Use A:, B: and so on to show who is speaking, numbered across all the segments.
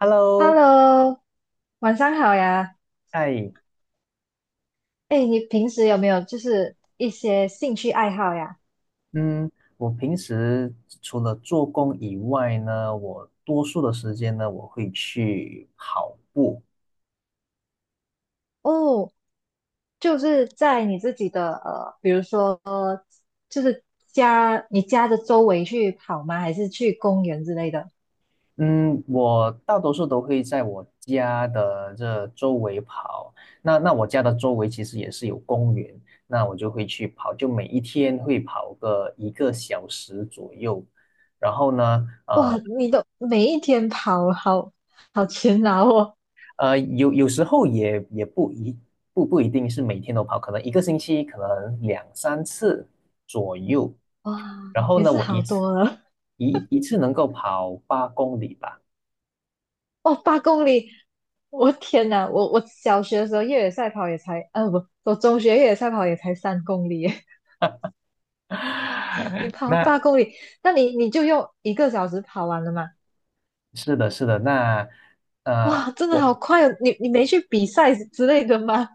A: Hello，
B: Hello，晚上好呀。
A: 哎，
B: 哎，你平时有没有就是一些兴趣爱好呀？
A: 嗯，我平时除了做工以外呢，我多数的时间呢，我会去跑步。
B: 哦，就是在你自己的比如说就是你家的周围去跑吗？还是去公园之类的？
A: 嗯，我大多数都会在我家的这周围跑。那我家的周围其实也是有公园，那我就会去跑，就每一天会跑个1个小时左右。然后呢，
B: 哇，
A: 呃，
B: 你都每一天跑，好好勤劳哦。
A: 有时候也不一定是每天都跑，可能一个星期可能两三次左右。
B: 哇，
A: 然后
B: 也
A: 呢，
B: 是
A: 我
B: 好
A: 一次
B: 多了。
A: 一一次能够跑8公里吧。
B: 哦，八公里，我天哪！我小学的时候越野赛跑也才，不，我中学越野赛跑也才3公里。你 跑
A: 那
B: 八公里，那你就用一个小时跑完了吗？
A: 是的，是的，那呃，
B: 哇，真的好
A: 我
B: 快哦！你没去比赛之类的吗？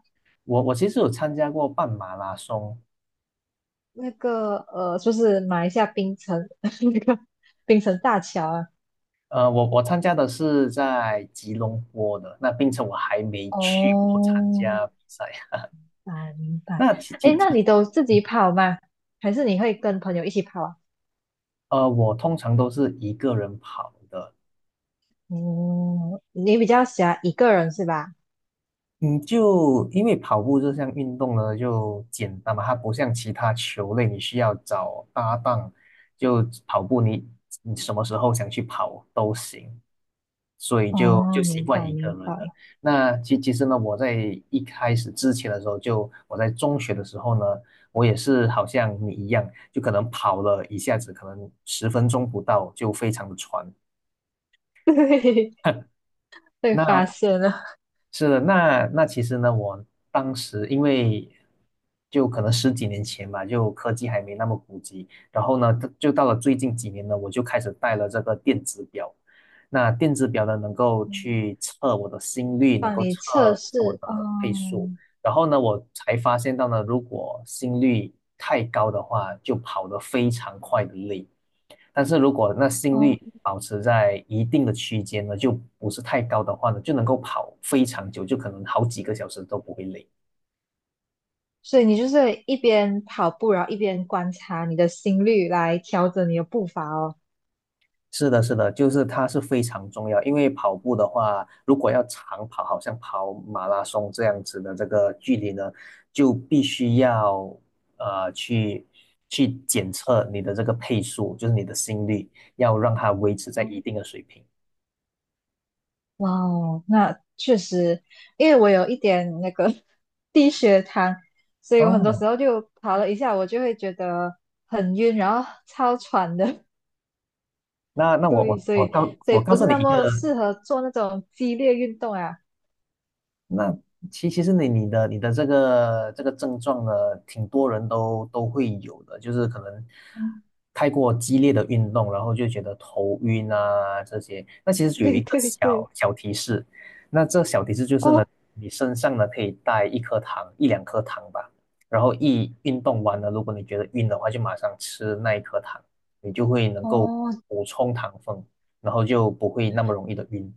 A: 我其实有参加过半马拉松，
B: 那个，就是马来西亚槟城 那个槟城大桥啊。
A: 我参加的是在吉隆坡的，那并且我还没去过参
B: 哦，明
A: 加比赛。
B: 白明 白。
A: 那其
B: 哎，
A: 其
B: 那
A: 其，
B: 你都自
A: 嗯
B: 己跑吗？还是你会跟朋友一起跑啊？
A: 我通常都是一个人跑的，
B: 哦，你比较喜欢一个人是吧？
A: 嗯，就因为跑步这项运动呢，就简单嘛，它不像其他球类，你需要找搭档。就跑步你，你什么时候想去跑都行，所以就
B: 哦，
A: 习
B: 明
A: 惯
B: 白
A: 一个
B: 明
A: 人了。
B: 白。
A: 那其实呢，我在一开始之前的时候就，我在中学的时候呢，我也是好像你一样，就可能跑了一下子，可能10分钟不到就非常的喘。
B: 对，被发
A: 那
B: 现了，
A: 是的，那其实呢，我当时因为就可能十几年前吧，就科技还没那么普及，然后呢，就到了最近几年呢，我就开始带了这个电子表。那电子表呢，能够
B: 嗯
A: 去测我的心率，能
B: 帮
A: 够
B: 你
A: 测
B: 测
A: 测我
B: 试。哦
A: 的配速。然后呢，我才发现到呢，如果心率太高的话，就跑得非常快的累。但是如果那心
B: 哦，
A: 率保持在一定的区间呢，就不是太高的话呢，就能够跑非常久，就可能好几个小时都不会累。
B: 所以你就是一边跑步，然后一边观察你的心率来调整你的步伐哦。
A: 是的，是的，就是它是非常重要，因为跑步的话，如果要长跑，好像跑马拉松这样子的这个距离呢，就必须要呃去去检测你的这个配速，就是你的心率，要让它维持在一
B: 哦，
A: 定的水平。
B: 哇哦，那确实，因为我有一点那个 低血糖，所以我很多
A: 哦，
B: 时候就跑了一下，我就会觉得很晕，然后超喘的。
A: 那 那我
B: 对，
A: 我
B: 所
A: 我
B: 以
A: 告
B: 所以
A: 我告
B: 不
A: 诉
B: 是
A: 你
B: 那
A: 一个
B: 么适合做那种激烈运动啊。
A: 那其实你的这个症状呢，挺多人都会有的，就是可能
B: 嗯
A: 太过激烈的运动，然后就觉得头晕啊这些。那其 实有
B: 对
A: 一个
B: 对对，
A: 小小提示，那这小提示就是呢，
B: 哦。
A: 你身上呢可以带一颗糖，一两颗糖吧。然后一运动完了，如果你觉得晕的话，就马上吃那一颗糖，你就会能够
B: 哦
A: 补充糖分，然后就不会那么容易的晕。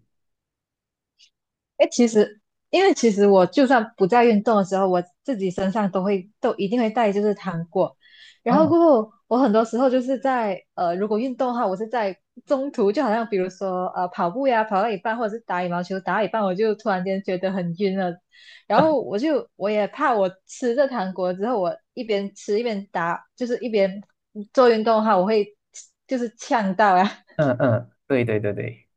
B: 哎，其实我就算不在运动的时候，我自己身上都一定会带就是糖果，然后
A: 嗯
B: 过后我很多时候就是如果运动的话，我是在中途，就好像比如说跑步呀，跑到一半或者是打羽毛球打到一半，我就突然间觉得很晕了，然后 我也怕我吃这糖果之后，我一边吃一边打，就是一边做运动的话，我会就是呛到呀，
A: 嗯嗯，对对对对。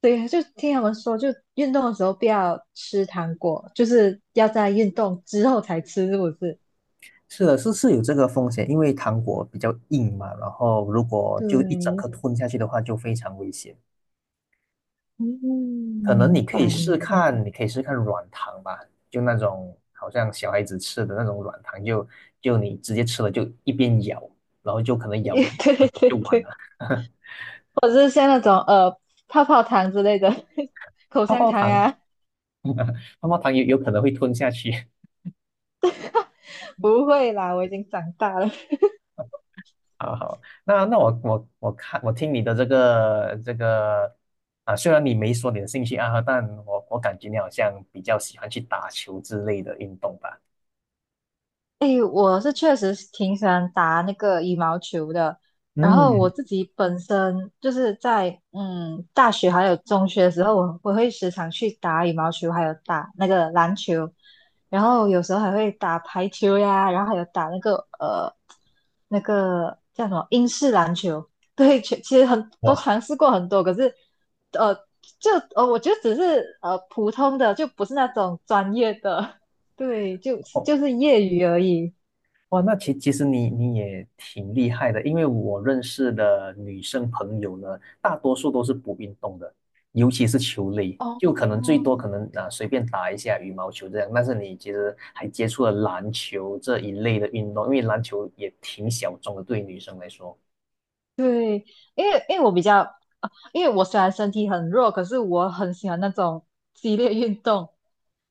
B: 对，呀，就听他们说，就运动的时候不要吃糖果，就是要在运动之后才吃，是不是？
A: 是的，是有这个风险，因为糖果比较硬嘛，然后如果就一整
B: 对，
A: 颗吞下去的话，就非常危险。
B: 嗯，
A: 可能你
B: 明
A: 可以
B: 白
A: 试
B: 明白，
A: 看，你可以试看软糖吧，就那种好像小孩子吃的那种软糖，就你直接吃了，就一边咬，然后就可能 咬
B: 对
A: 个一两
B: 对
A: 口
B: 对
A: 就完了。
B: 对，或者是像那种泡泡糖之类的，口
A: 泡
B: 香
A: 泡
B: 糖
A: 糖，
B: 啊，
A: 泡泡糖有可能会吞下去。
B: 不会啦，我已经长大了。
A: 好好，那我听你的这个啊，虽然你没说你的兴趣爱好，但我感觉你好像比较喜欢去打球之类的运动吧？
B: 诶，确实是挺喜欢打那个羽毛球的。然后我
A: 嗯，
B: 自己本身就是在大学还有中学的时候，我会时常去打羽毛球，还有打那个篮球，然后有时候还会打排球呀，然后还有打那个叫什么英式篮球。对，其实很都
A: 哇，
B: 尝试过很多，可是呃就我觉得只是普通的，就不是那种专业的。对，就
A: 哦
B: 就是业余而已。
A: 哇，那其实你也挺厉害的，因为我认识的女生朋友呢，大多数都是不运动的，尤其是球类，
B: 哦，
A: 就可能最多可能啊随便打一下羽毛球这样，但是你其实还接触了篮球这一类的运动，因为篮球也挺小众的，对于女生来说，
B: 对，因为我比较，因为我虽然身体很弱，可是我很喜欢那种激烈运动，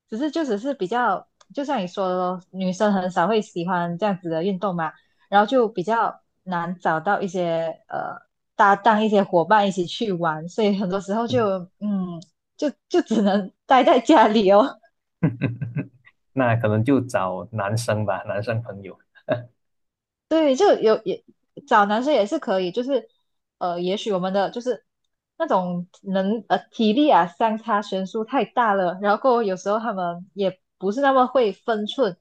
B: 只是比较，就像你说的咯女生很少会喜欢这样子的运动嘛，然后就比较难找到一些搭档、一些伙伴一起去玩，所以很多时候嗯，就只能待在家里哦。
A: 那可能就找男生吧，男生朋友。
B: 对，就有也找男生也是可以，就是也许我们的就是那种体力啊相差悬殊太大了，然后过后有时候他们也不是那么会分寸，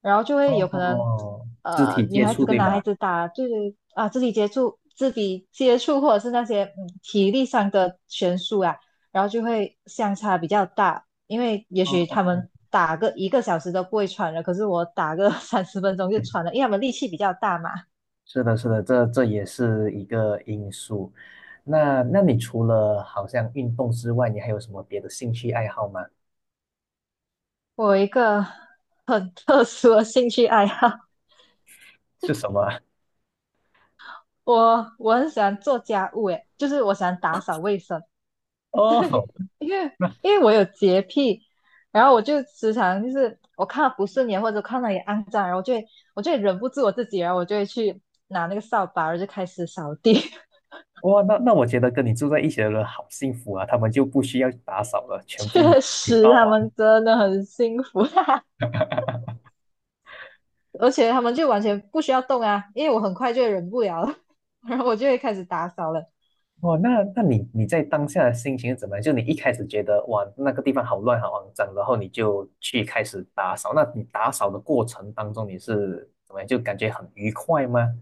B: 然后就会有可能
A: 哦，肢体
B: 女
A: 接
B: 孩子
A: 触
B: 跟
A: 对
B: 男孩
A: 吧？
B: 子打就是啊肢体接触、肢体接触或者是那些体力上的悬殊啊，然后就会相差比较大，因为也
A: 哦
B: 许他
A: 哦。
B: 们打个一个小时都不会喘了，可是我打个 30分钟就喘了，因为他们力气比较大嘛。
A: 是的，是的，这也是一个因素。那你除了好像运动之外，你还有什么别的兴趣爱好吗？
B: 我有一个很特殊的兴趣爱好，
A: 是什么啊？
B: 我很喜欢做家务，诶，就是我喜欢打扫卫生，
A: 哦，
B: 因为
A: 那
B: 因为我有洁癖，然后我就时常就是我看到不顺眼或者看到也肮脏，然后我就会忍不住我自己，然后我就会去拿那个扫把，然后就开始扫地。
A: 哇，那我觉得跟你住在一起的人好幸福啊，他们就不需要打扫了，全部你
B: 确
A: 你帮
B: 实，他
A: 完。
B: 们真的很辛苦，而且他们就完全不需要动啊，因为我很快就忍不了了，然后我就会开始打扫了。
A: 哇，那你在当下的心情是怎么样？就你一开始觉得哇那个地方好乱好肮脏，然后你就去开始打扫。那你打扫的过程当中你是怎么样？就感觉很愉快吗？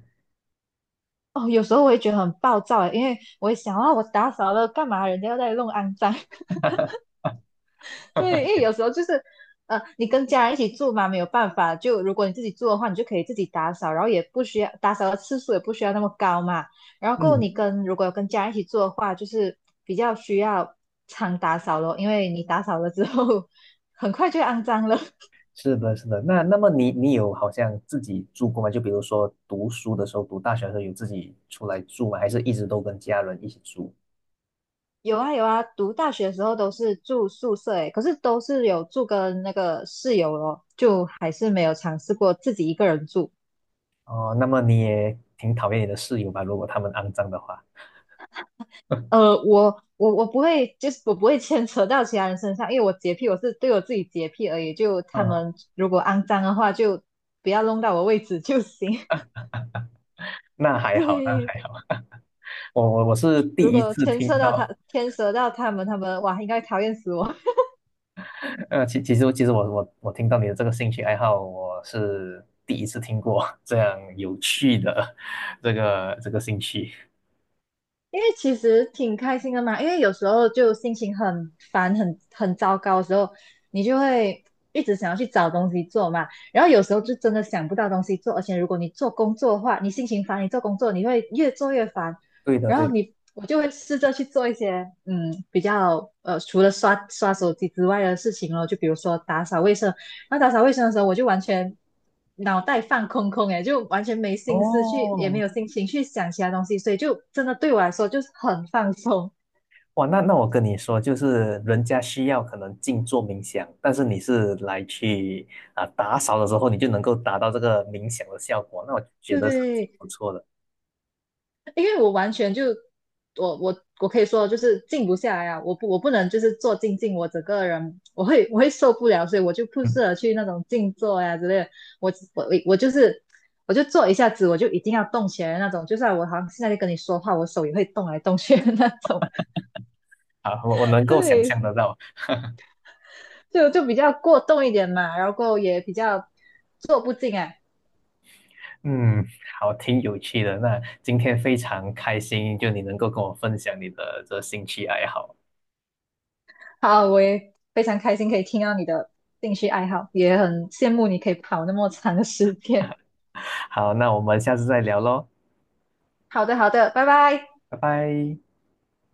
B: 哦，有时候我也觉得很暴躁欸，因为我也想啊，我打扫了干嘛？人家要在弄肮脏。对，因为有时候就是，你跟家人一起住嘛，没有办法。就如果你自己住的话，你就可以自己打扫，然后也不需要打扫的次数也不需要那么高嘛。然后过后
A: 嗯
B: 如果有跟家人一起住的话，就是比较需要常打扫咯，因为你打扫了之后，很快就会肮脏了。
A: 是的，是的。那么你有好像自己住过吗？就比如说读书的时候，读大学的时候有自己出来住吗？还是一直都跟家人一起住？
B: 有啊有啊，读大学的时候都是住宿舍诶，可是都是有住跟那个室友咯，就还是没有尝试过自己一个人住。
A: 哦，那么你也挺讨厌你的室友吧？如果他们肮脏的话，
B: 我不会，就是我不会牵扯到其他人身上，因为我洁癖，我是对我自己洁癖而已。就他
A: 嗯，
B: 们如果肮脏的话，就不要弄到我位置就行。
A: 那还好，那
B: 对，
A: 还好。我是第
B: 如
A: 一
B: 果
A: 次
B: 牵扯
A: 听
B: 到他，
A: 到，
B: 牵扯到他们，他们哇，应该讨厌死我。
A: 其实我听到你的这个兴趣爱好，我是第一次听过这样有趣的 这个兴趣。
B: 因为其实挺开心的嘛，因为有时候就心情很烦、很糟糕的时候，你就会一直想要去找东西做嘛。然后有时候就真的想不到东西做，而且如果你做工作的话，你心情烦，你做工作你会越做越烦，
A: 对的，
B: 然
A: 对
B: 后
A: 的。
B: 我就会试着去做一些比较除了刷刷手机之外的事情咯，就比如说打扫卫生。那打扫卫生的时候，我就完全脑袋放空空，诶，就完全没心思去，也没
A: 哦，
B: 有心情去想其他东西，所以就真的对我来说就是很放松。
A: 哇，那我跟你说，就是人家需要可能静坐冥想，但是你是来去啊、打扫的时候，你就能够达到这个冥想的效果，那我觉 得是挺
B: 对，
A: 不错的。
B: 因为我完全就我可以说就是静不下来啊，我不能就是坐静静，我整个人我会受不了，所以我就不
A: 嗯，
B: 适合去那种静坐呀、之类的。我我我就是我就坐一下子，我就一定要动起来的那种，就算我好像现在在跟你说话，我手也会动来动去的那种。
A: 好，我能 够想
B: 对，
A: 象得到，
B: 就比较过动一点嘛，然后也比较坐不静啊。
A: 嗯，好，挺有趣的。那今天非常开心，就你能够跟我分享你的这兴趣爱好。
B: 好，我也非常开心可以听到你的兴趣爱好，也很羡慕你可以跑那么长的时间。
A: 好，那我们下次再聊喽，
B: 好的，好的，拜拜。
A: 拜拜。